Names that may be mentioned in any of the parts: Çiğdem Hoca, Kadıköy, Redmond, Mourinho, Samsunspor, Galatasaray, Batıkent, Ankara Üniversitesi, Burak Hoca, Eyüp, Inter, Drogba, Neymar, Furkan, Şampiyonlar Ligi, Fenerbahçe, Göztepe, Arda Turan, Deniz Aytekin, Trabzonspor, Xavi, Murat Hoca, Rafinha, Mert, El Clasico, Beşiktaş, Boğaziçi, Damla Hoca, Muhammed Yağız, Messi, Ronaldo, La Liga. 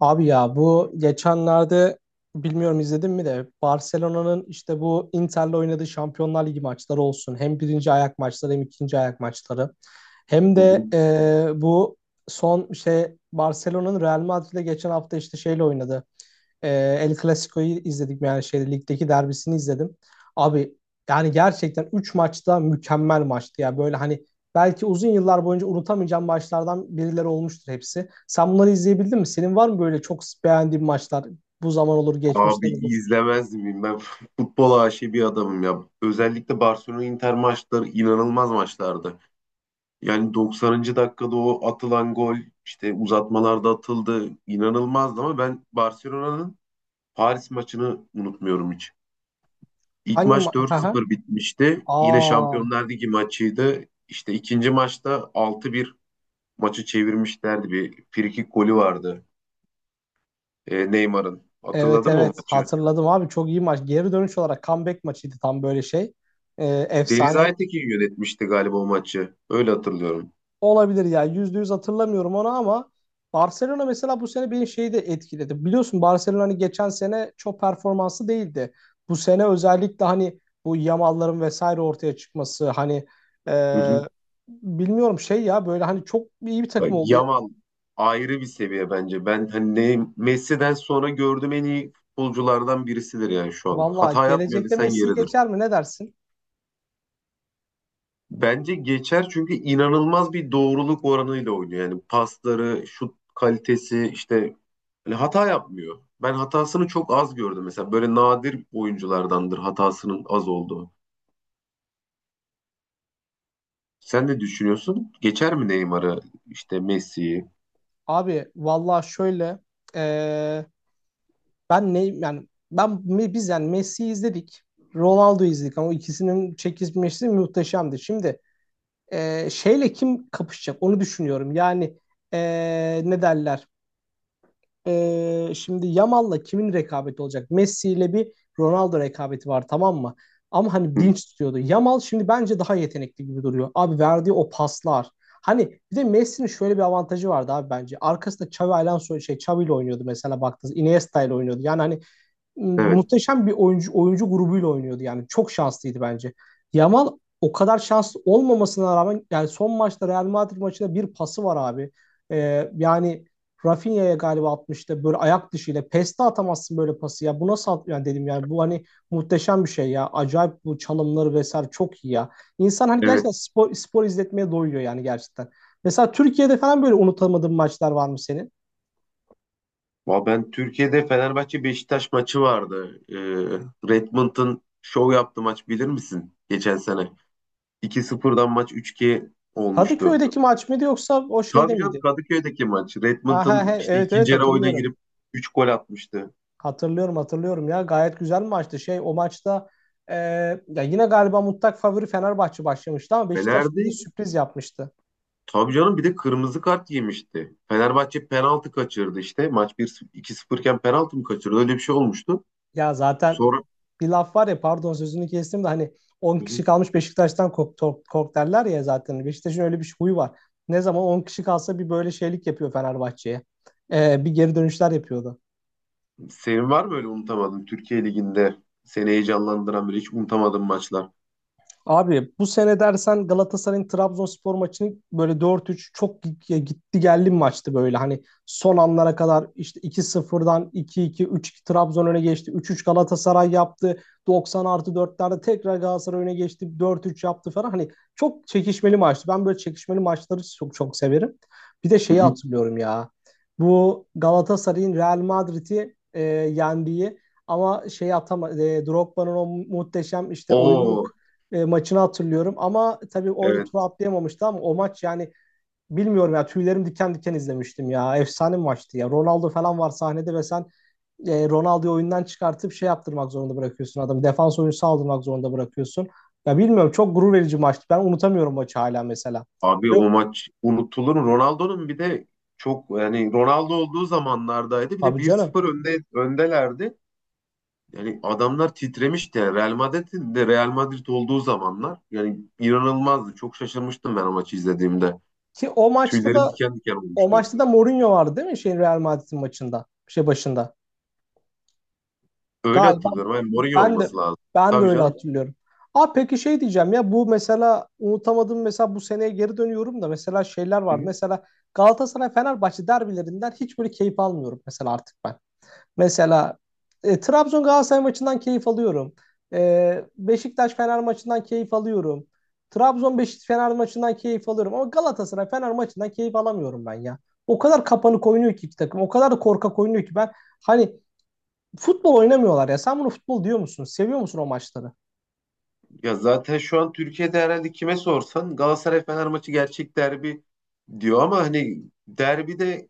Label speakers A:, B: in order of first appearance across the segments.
A: Abi ya bu geçenlerde bilmiyorum izledin mi de Barcelona'nın işte bu Inter'le oynadığı Şampiyonlar Ligi maçları olsun. Hem birinci ayak maçları hem ikinci ayak maçları. Hem
B: Hı hı.
A: de bu son şey Barcelona'nın Real Madrid'le geçen hafta işte şeyle oynadı. E, El Clasico'yu izledik yani şeyde ligdeki derbisini izledim. Abi yani gerçekten 3 maçta mükemmel maçtı ya. Böyle hani belki uzun yıllar boyunca unutamayacağım maçlardan birileri olmuştur hepsi. Sen bunları izleyebildin mi? Senin var mı böyle çok beğendiğin maçlar? Bu zaman olur,
B: Abi
A: geçmişten olur.
B: izlemez miyim? Ben futbol aşığı bir adamım ya. Özellikle Barcelona Inter maçları inanılmaz maçlardı. Yani 90. dakikada o atılan gol işte uzatmalarda atıldı. İnanılmazdı ama ben Barcelona'nın Paris maçını unutmuyorum hiç. İlk
A: Hangi ma
B: maç
A: Aha.
B: 4-0 bitmişti. Yine
A: Aa,
B: Şampiyonlar Ligi maçıydı. İşte ikinci maçta 6-1 maçı çevirmişlerdi. Bir frikik golü vardı Neymar'ın.
A: evet,
B: Hatırladın mı o
A: evet,
B: maçı?
A: hatırladım abi, çok iyi maç. Geri dönüş olarak comeback maçıydı tam böyle şey.
B: Deniz
A: Efsane.
B: Aytekin yönetmişti galiba o maçı. Öyle hatırlıyorum.
A: Olabilir ya. Yüzde yüz hatırlamıyorum onu ama Barcelona mesela bu sene beni şeyi de etkiledi. Biliyorsun Barcelona hani geçen sene çok performanslı değildi. Bu sene özellikle hani bu Yamal'ların vesaire ortaya çıkması hani e,
B: Hı hı.
A: bilmiyorum şey ya böyle hani çok iyi bir
B: Bak,
A: takım oldu.
B: Yamal ayrı bir seviye bence. Ben hani Messi'den sonra gördüğüm en iyi futbolculardan birisidir yani şu an.
A: Valla
B: Hata yapmıyor
A: gelecekte
B: desen
A: Messi'yi
B: yeridir.
A: geçer mi, ne dersin?
B: Bence geçer çünkü inanılmaz bir doğruluk oranıyla oynuyor. Yani pasları, şut kalitesi işte hani hata yapmıyor. Ben hatasını çok az gördüm mesela. Böyle nadir oyunculardandır hatasının az olduğu. Sen ne düşünüyorsun? Geçer mi Neymar'ı, işte Messi'yi?
A: Abi valla şöyle e, ben ne yani ben biz yani Messi'yi izledik. Ronaldo'yu izledik ama ikisinin çekişmesi muhteşemdi. Şimdi şeyle kim kapışacak onu düşünüyorum. Yani e, ne derler? Şimdi Yamal'la kimin rekabeti olacak? Messi ile bir Ronaldo rekabeti var, tamam mı? Ama hani
B: Hı,
A: dinç tutuyordu. Yamal şimdi bence daha yetenekli gibi duruyor. Abi verdiği o paslar. Hani bir de Messi'nin şöyle bir avantajı vardı abi bence. Arkasında Xavi Alonso şey Xavi ile oynuyordu mesela baktınız. Iniesta ile oynuyordu. Yani hani
B: evet.
A: muhteşem bir oyuncu grubuyla oynuyordu yani. Çok şanslıydı bence. Yamal o kadar şanslı olmamasına rağmen yani son maçta Real Madrid maçında bir pası var abi. Yani Rafinha'ya galiba atmıştı böyle ayak dışıyla. Peste atamazsın böyle pası ya. Bu nasıl at yani, dedim yani, bu hani muhteşem bir şey ya. Acayip bu çalımları vesaire çok iyi ya. İnsan hani
B: Evet.
A: gerçekten spor, spor izletmeye doyuyor yani gerçekten. Mesela Türkiye'de falan böyle unutamadığın maçlar var mı senin?
B: Ben Türkiye'de Fenerbahçe Beşiktaş maçı vardı. Redmond'un şov yaptığı maç bilir misin? Geçen sene. İki 0'dan maç üç 2 olmuştu.
A: Kadıköy'deki maç mıydı yoksa o şeyde
B: Tabii canım,
A: miydi?
B: Kadıköy'deki maç.
A: Ha, ha, he,
B: Redmond'un işte
A: evet,
B: ikinci
A: evet,
B: yarı oyuna
A: hatırlıyorum.
B: girip 3 gol atmıştı.
A: Hatırlıyorum, hatırlıyorum ya, gayet güzel maçtı. Şey o maçta e, ya yine galiba mutlak favori Fenerbahçe başlamıştı ama Beşiktaş
B: Fener'di.
A: bize sürpriz yapmıştı.
B: Tabii canım, bir de kırmızı kart yemişti. Fenerbahçe penaltı kaçırdı işte. Maç bir 0 2-0 iken penaltı mı kaçırdı? Öyle bir şey olmuştu.
A: Ya zaten
B: Sonra.
A: bir laf var ya, pardon sözünü kestim de, hani on
B: Hı hı.
A: kişi kalmış Beşiktaş'tan kork, kork, kork derler ya zaten. Beşiktaş'ın öyle bir huyu var. Ne zaman 10 kişi kalsa bir böyle şeylik yapıyor Fenerbahçe'ye. Bir geri dönüşler yapıyordu.
B: Senin var mı öyle unutamadığın Türkiye Ligi'nde seni heyecanlandıran böyle hiç unutamadığın maçlar?
A: Abi bu sene dersen Galatasaray'ın Trabzonspor maçını böyle dört üç, çok gitti geldi bir maçtı böyle. Hani son anlara kadar işte 2-0'dan iki iki üç 2 Trabzon öne geçti. 3-3 Galatasaray yaptı. Doksan artı dörtlerde tekrar Galatasaray öne geçti. 4-3 yaptı falan. Hani çok çekişmeli maçtı. Ben böyle çekişmeli maçları çok çok severim. Bir de
B: Hı
A: şeyi
B: hı.
A: hatırlıyorum ya. Bu Galatasaray'ın Real Madrid'i yendiği ama şey atama Drogba'nın o muhteşem işte oyunluk
B: O,
A: maçını hatırlıyorum. Ama tabii orada
B: evet
A: turu atlayamamıştı ama o maç yani bilmiyorum ya, tüylerim diken diken izlemiştim ya. Efsane bir maçtı ya. Ronaldo falan var sahnede ve sen Ronaldo'yu oyundan çıkartıp şey yaptırmak zorunda bırakıyorsun adamı. Defans oyuncusu aldırmak zorunda bırakıyorsun. Ya bilmiyorum, çok gurur verici maçtı. Ben unutamıyorum maçı hala mesela.
B: abi,
A: Ve-
B: o maç unutulur mu? Ronaldo'nun bir de çok yani Ronaldo olduğu zamanlardaydı. Bir de
A: Tabii
B: bir
A: canım.
B: sıfır önde öndelerdi. Yani adamlar titremişti. Yani Real Madrid'in de Real Madrid olduğu zamanlar yani inanılmazdı. Çok şaşırmıştım ben o maçı izlediğimde.
A: Ki o maçta
B: Tüylerim
A: da
B: diken diken olmuştu.
A: Mourinho vardı değil mi? Şeyin Real Madrid'in maçında. Şey başında.
B: Öyle
A: Galiba
B: hatırlıyorum. Yani Mourinho
A: Ben de
B: olması lazım.
A: ben de
B: Tabii
A: öyle
B: canım.
A: hatırlıyorum. Aa peki şey diyeceğim ya, bu mesela unutamadım, mesela bu seneye geri dönüyorum da mesela şeyler var. Mesela Galatasaray Fenerbahçe derbilerinden hiç böyle keyif almıyorum mesela artık ben. Mesela Trabzon Galatasaray maçından keyif alıyorum. Beşiktaş Fener maçından keyif alıyorum. Trabzon Beşiktaş Fener maçından keyif alıyorum ama Galatasaray Fener maçından keyif alamıyorum ben ya. O kadar kapanık oynuyor ki iki takım. O kadar da korkak oynuyor ki ben hani futbol oynamıyorlar ya. Sen bunu futbol diyor musun? Seviyor musun o maçları?
B: Ya zaten şu an Türkiye'de herhalde kime sorsan Galatasaray Fener maçı gerçek derbi diyor ama hani derbide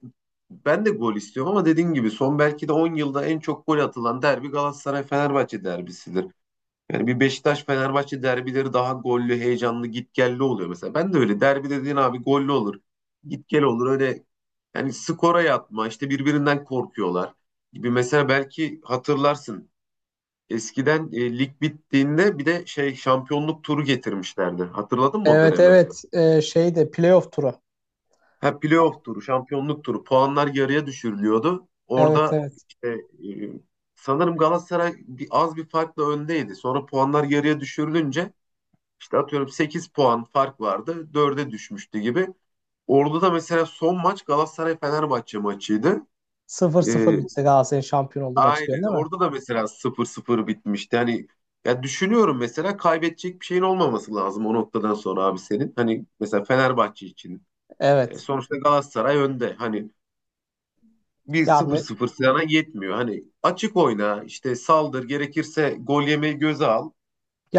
B: ben de gol istiyorum ama dediğin gibi son belki de 10 yılda en çok gol atılan derbi Galatasaray Fenerbahçe derbisidir. Yani bir Beşiktaş Fenerbahçe derbileri daha gollü, heyecanlı, gitgelli oluyor mesela. Ben de öyle derbi dediğin abi gollü olur, gitgel olur öyle, yani skora yatma işte birbirinden korkuyorlar gibi mesela. Belki hatırlarsın, eskiden lig bittiğinde bir de şey şampiyonluk turu getirmişlerdi. Hatırladın mı o
A: Evet,
B: dönemi?
A: evet. Şeyde playoff turu.
B: Ha, playoff turu, şampiyonluk turu. Puanlar yarıya düşürülüyordu.
A: Evet,
B: Orada
A: evet.
B: işte e, sanırım Galatasaray az bir farkla öndeydi. Sonra puanlar yarıya düşürülünce işte atıyorum 8 puan fark vardı. Dörde düşmüştü gibi. Orada da mesela son maç Galatasaray-Fenerbahçe maçıydı.
A: 0-0
B: E,
A: bitti, Galatasaray'ın şampiyon olduğu maçı diyorsun
B: Aynen.
A: değil mi?
B: Orada da mesela 0-0 bitmişti. Hani ya düşünüyorum mesela, kaybedecek bir şeyin olmaması lazım o noktadan sonra abi senin. Hani mesela Fenerbahçe için.
A: Evet.
B: Sonuçta Galatasaray önde. Hani bir
A: Ya
B: 0-0 sana yetmiyor. Hani açık oyna, işte saldır, gerekirse gol yemeyi göze al.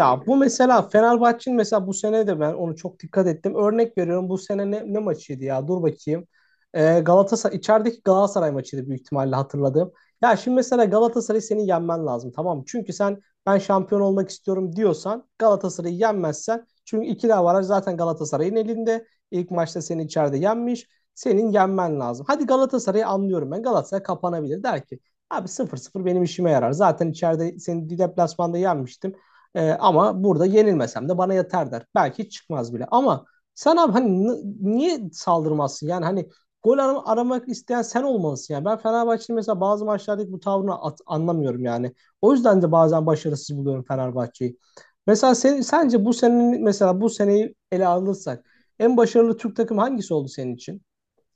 B: E,
A: bu mesela Fenerbahçe'nin mesela bu sene de ben onu çok dikkat ettim. Örnek veriyorum, bu sene ne maçıydı ya? Dur bakayım. Galatasaray içerideki Galatasaray maçıydı büyük ihtimalle, hatırladım. Ya şimdi mesela Galatasaray'ı senin yenmen lazım tamam mı? Çünkü sen "ben şampiyon olmak istiyorum" diyorsan Galatasaray'ı yenmezsen, çünkü ikili avaraj zaten Galatasaray'ın elinde. İlk maçta seni içeride yenmiş. Senin yenmen lazım. Hadi Galatasaray'ı anlıyorum ben. Galatasaray kapanabilir. Der ki "abi 0-0 benim işime yarar. Zaten içeride seni deplasmanda yenmiştim. Ama burada yenilmesem de bana yeter" der. Belki çıkmaz bile. Ama sen abi hani niye saldırmazsın? Yani hani gol aramak isteyen sen olmalısın. Yani ben Fenerbahçe'nin mesela bazı maçlardaki bu tavrını anlamıyorum yani. O yüzden de bazen başarısız buluyorum Fenerbahçe'yi. Mesela sence bu senin mesela bu seneyi ele alırsak en başarılı Türk takımı hangisi oldu senin için?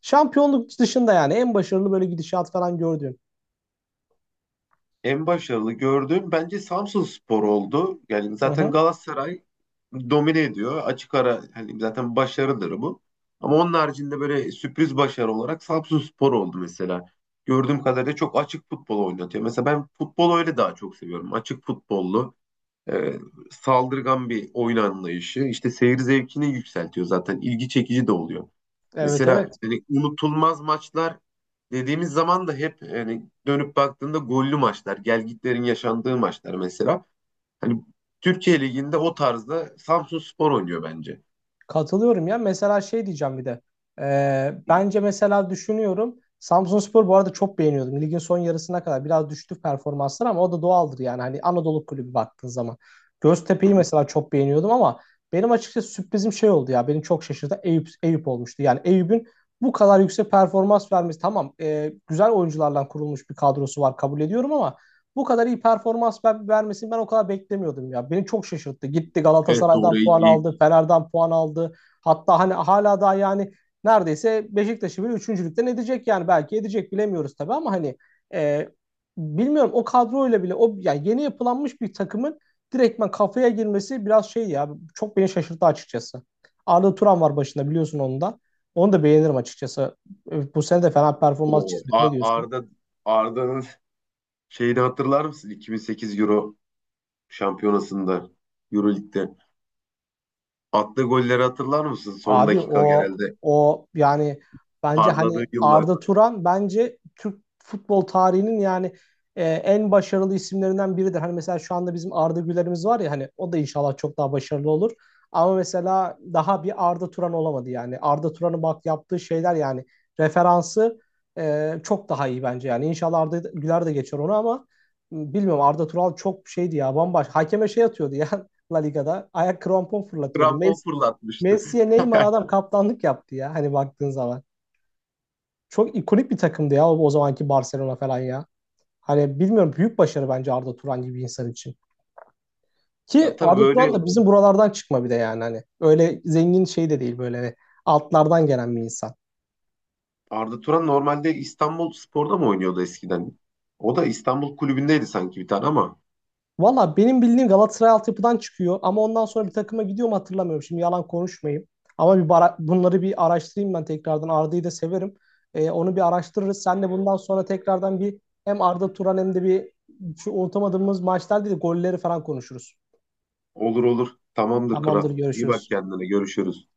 A: Şampiyonluk dışında yani en başarılı böyle gidişat falan gördüğün.
B: en başarılı gördüğüm bence Samsunspor oldu. Yani
A: Hı
B: zaten
A: hı.
B: Galatasaray domine ediyor. Açık ara, hani zaten başarıdır bu. Ama onun haricinde böyle sürpriz başarı olarak Samsunspor oldu mesela. Gördüğüm kadarıyla çok açık futbol oynatıyor. Mesela ben futbolu öyle daha çok seviyorum. Açık futbollu, e, saldırgan bir oyun anlayışı. İşte seyir zevkini yükseltiyor zaten. İlgi çekici de oluyor.
A: Evet,
B: Mesela
A: evet.
B: hani unutulmaz maçlar dediğimiz zaman da hep hani dönüp baktığında gollü maçlar, gelgitlerin yaşandığı maçlar mesela. Hani Türkiye Ligi'nde o tarzda Samsunspor oynuyor bence.
A: Katılıyorum ya. Mesela şey diyeceğim bir de. Bence mesela düşünüyorum. Samsunspor bu arada çok beğeniyordum. Ligin son yarısına kadar biraz düştü performanslar ama o da doğaldır yani. Hani Anadolu kulübü baktığın zaman.
B: Hı
A: Göztepe'yi
B: hı.
A: mesela çok beğeniyordum ama benim açıkçası sürprizim şey oldu ya. Beni çok şaşırdı. Eyüp olmuştu. Yani Eyüp'ün bu kadar yüksek performans vermesi, tamam güzel oyuncularla kurulmuş bir kadrosu var kabul ediyorum ama bu kadar iyi performans vermesini ben o kadar beklemiyordum ya. Beni çok şaşırttı. Gitti
B: Evet doğru.
A: Galatasaray'dan puan aldı, Fener'den puan aldı. Hatta hani hala daha yani neredeyse Beşiktaş'ı bile üçüncülükten edecek yani. Belki edecek bilemiyoruz tabii ama hani e, bilmiyorum, o kadroyla bile o yani yeni yapılanmış bir takımın direktmen kafaya girmesi biraz şey ya, çok beni şaşırttı açıkçası. Arda Turan var başında biliyorsun onu da. Onu da beğenirim açıkçası. Bu sene de fena performans
B: O
A: çizmedi. Ne diyorsun?
B: Arda'nın şeyini hatırlar mısın? 2008 Euro şampiyonasında Euro Lig'de attığı golleri hatırlar mısın? Son
A: Abi
B: dakika
A: o
B: genelde
A: o yani bence
B: parladığı
A: hani
B: yıllar.
A: Arda Turan bence Türk futbol tarihinin yani en başarılı isimlerinden biridir. Hani mesela şu anda bizim Arda Güler'imiz var ya, hani o da inşallah çok daha başarılı olur. Ama mesela daha bir Arda Turan olamadı yani. Arda Turan'ın bak yaptığı şeyler, yani referansı çok daha iyi bence yani. İnşallah Arda Güler de geçer onu ama bilmiyorum, Arda Turan çok şeydi ya, bambaşka. Hakeme şey atıyordu ya La Liga'da. Ayak krampon fırlatıyordu.
B: Krampon fırlatmıştı.
A: Messi'ye Neymar adam kaptanlık yaptı ya hani baktığın zaman. Çok ikonik bir takımdı ya o zamanki Barcelona falan ya. Hani bilmiyorum, büyük başarı bence Arda Turan gibi bir insan için.
B: Ya
A: Ki
B: tabii
A: Arda Turan
B: böyle,
A: da bizim buralardan çıkma bir de yani hani. Öyle zengin şey de değil böyle hani altlardan gelen bir insan.
B: Arda Turan normalde İstanbul Spor'da mı oynuyordu eskiden? O da İstanbul kulübündeydi sanki bir tane ama.
A: Valla benim bildiğim Galatasaray altyapıdan çıkıyor ama ondan sonra bir takıma gidiyor mu hatırlamıyorum. Şimdi yalan konuşmayayım. Ama bunları bir araştırayım ben tekrardan. Arda'yı da severim. Onu bir araştırırız. Sen de bundan sonra tekrardan bir, hem Arda Turan hem de bir şu unutamadığımız maçlar değil de golleri falan konuşuruz.
B: Olur olur. Tamamdır
A: Tamamdır,
B: kral. İyi bak
A: görüşürüz.
B: kendine. Görüşürüz.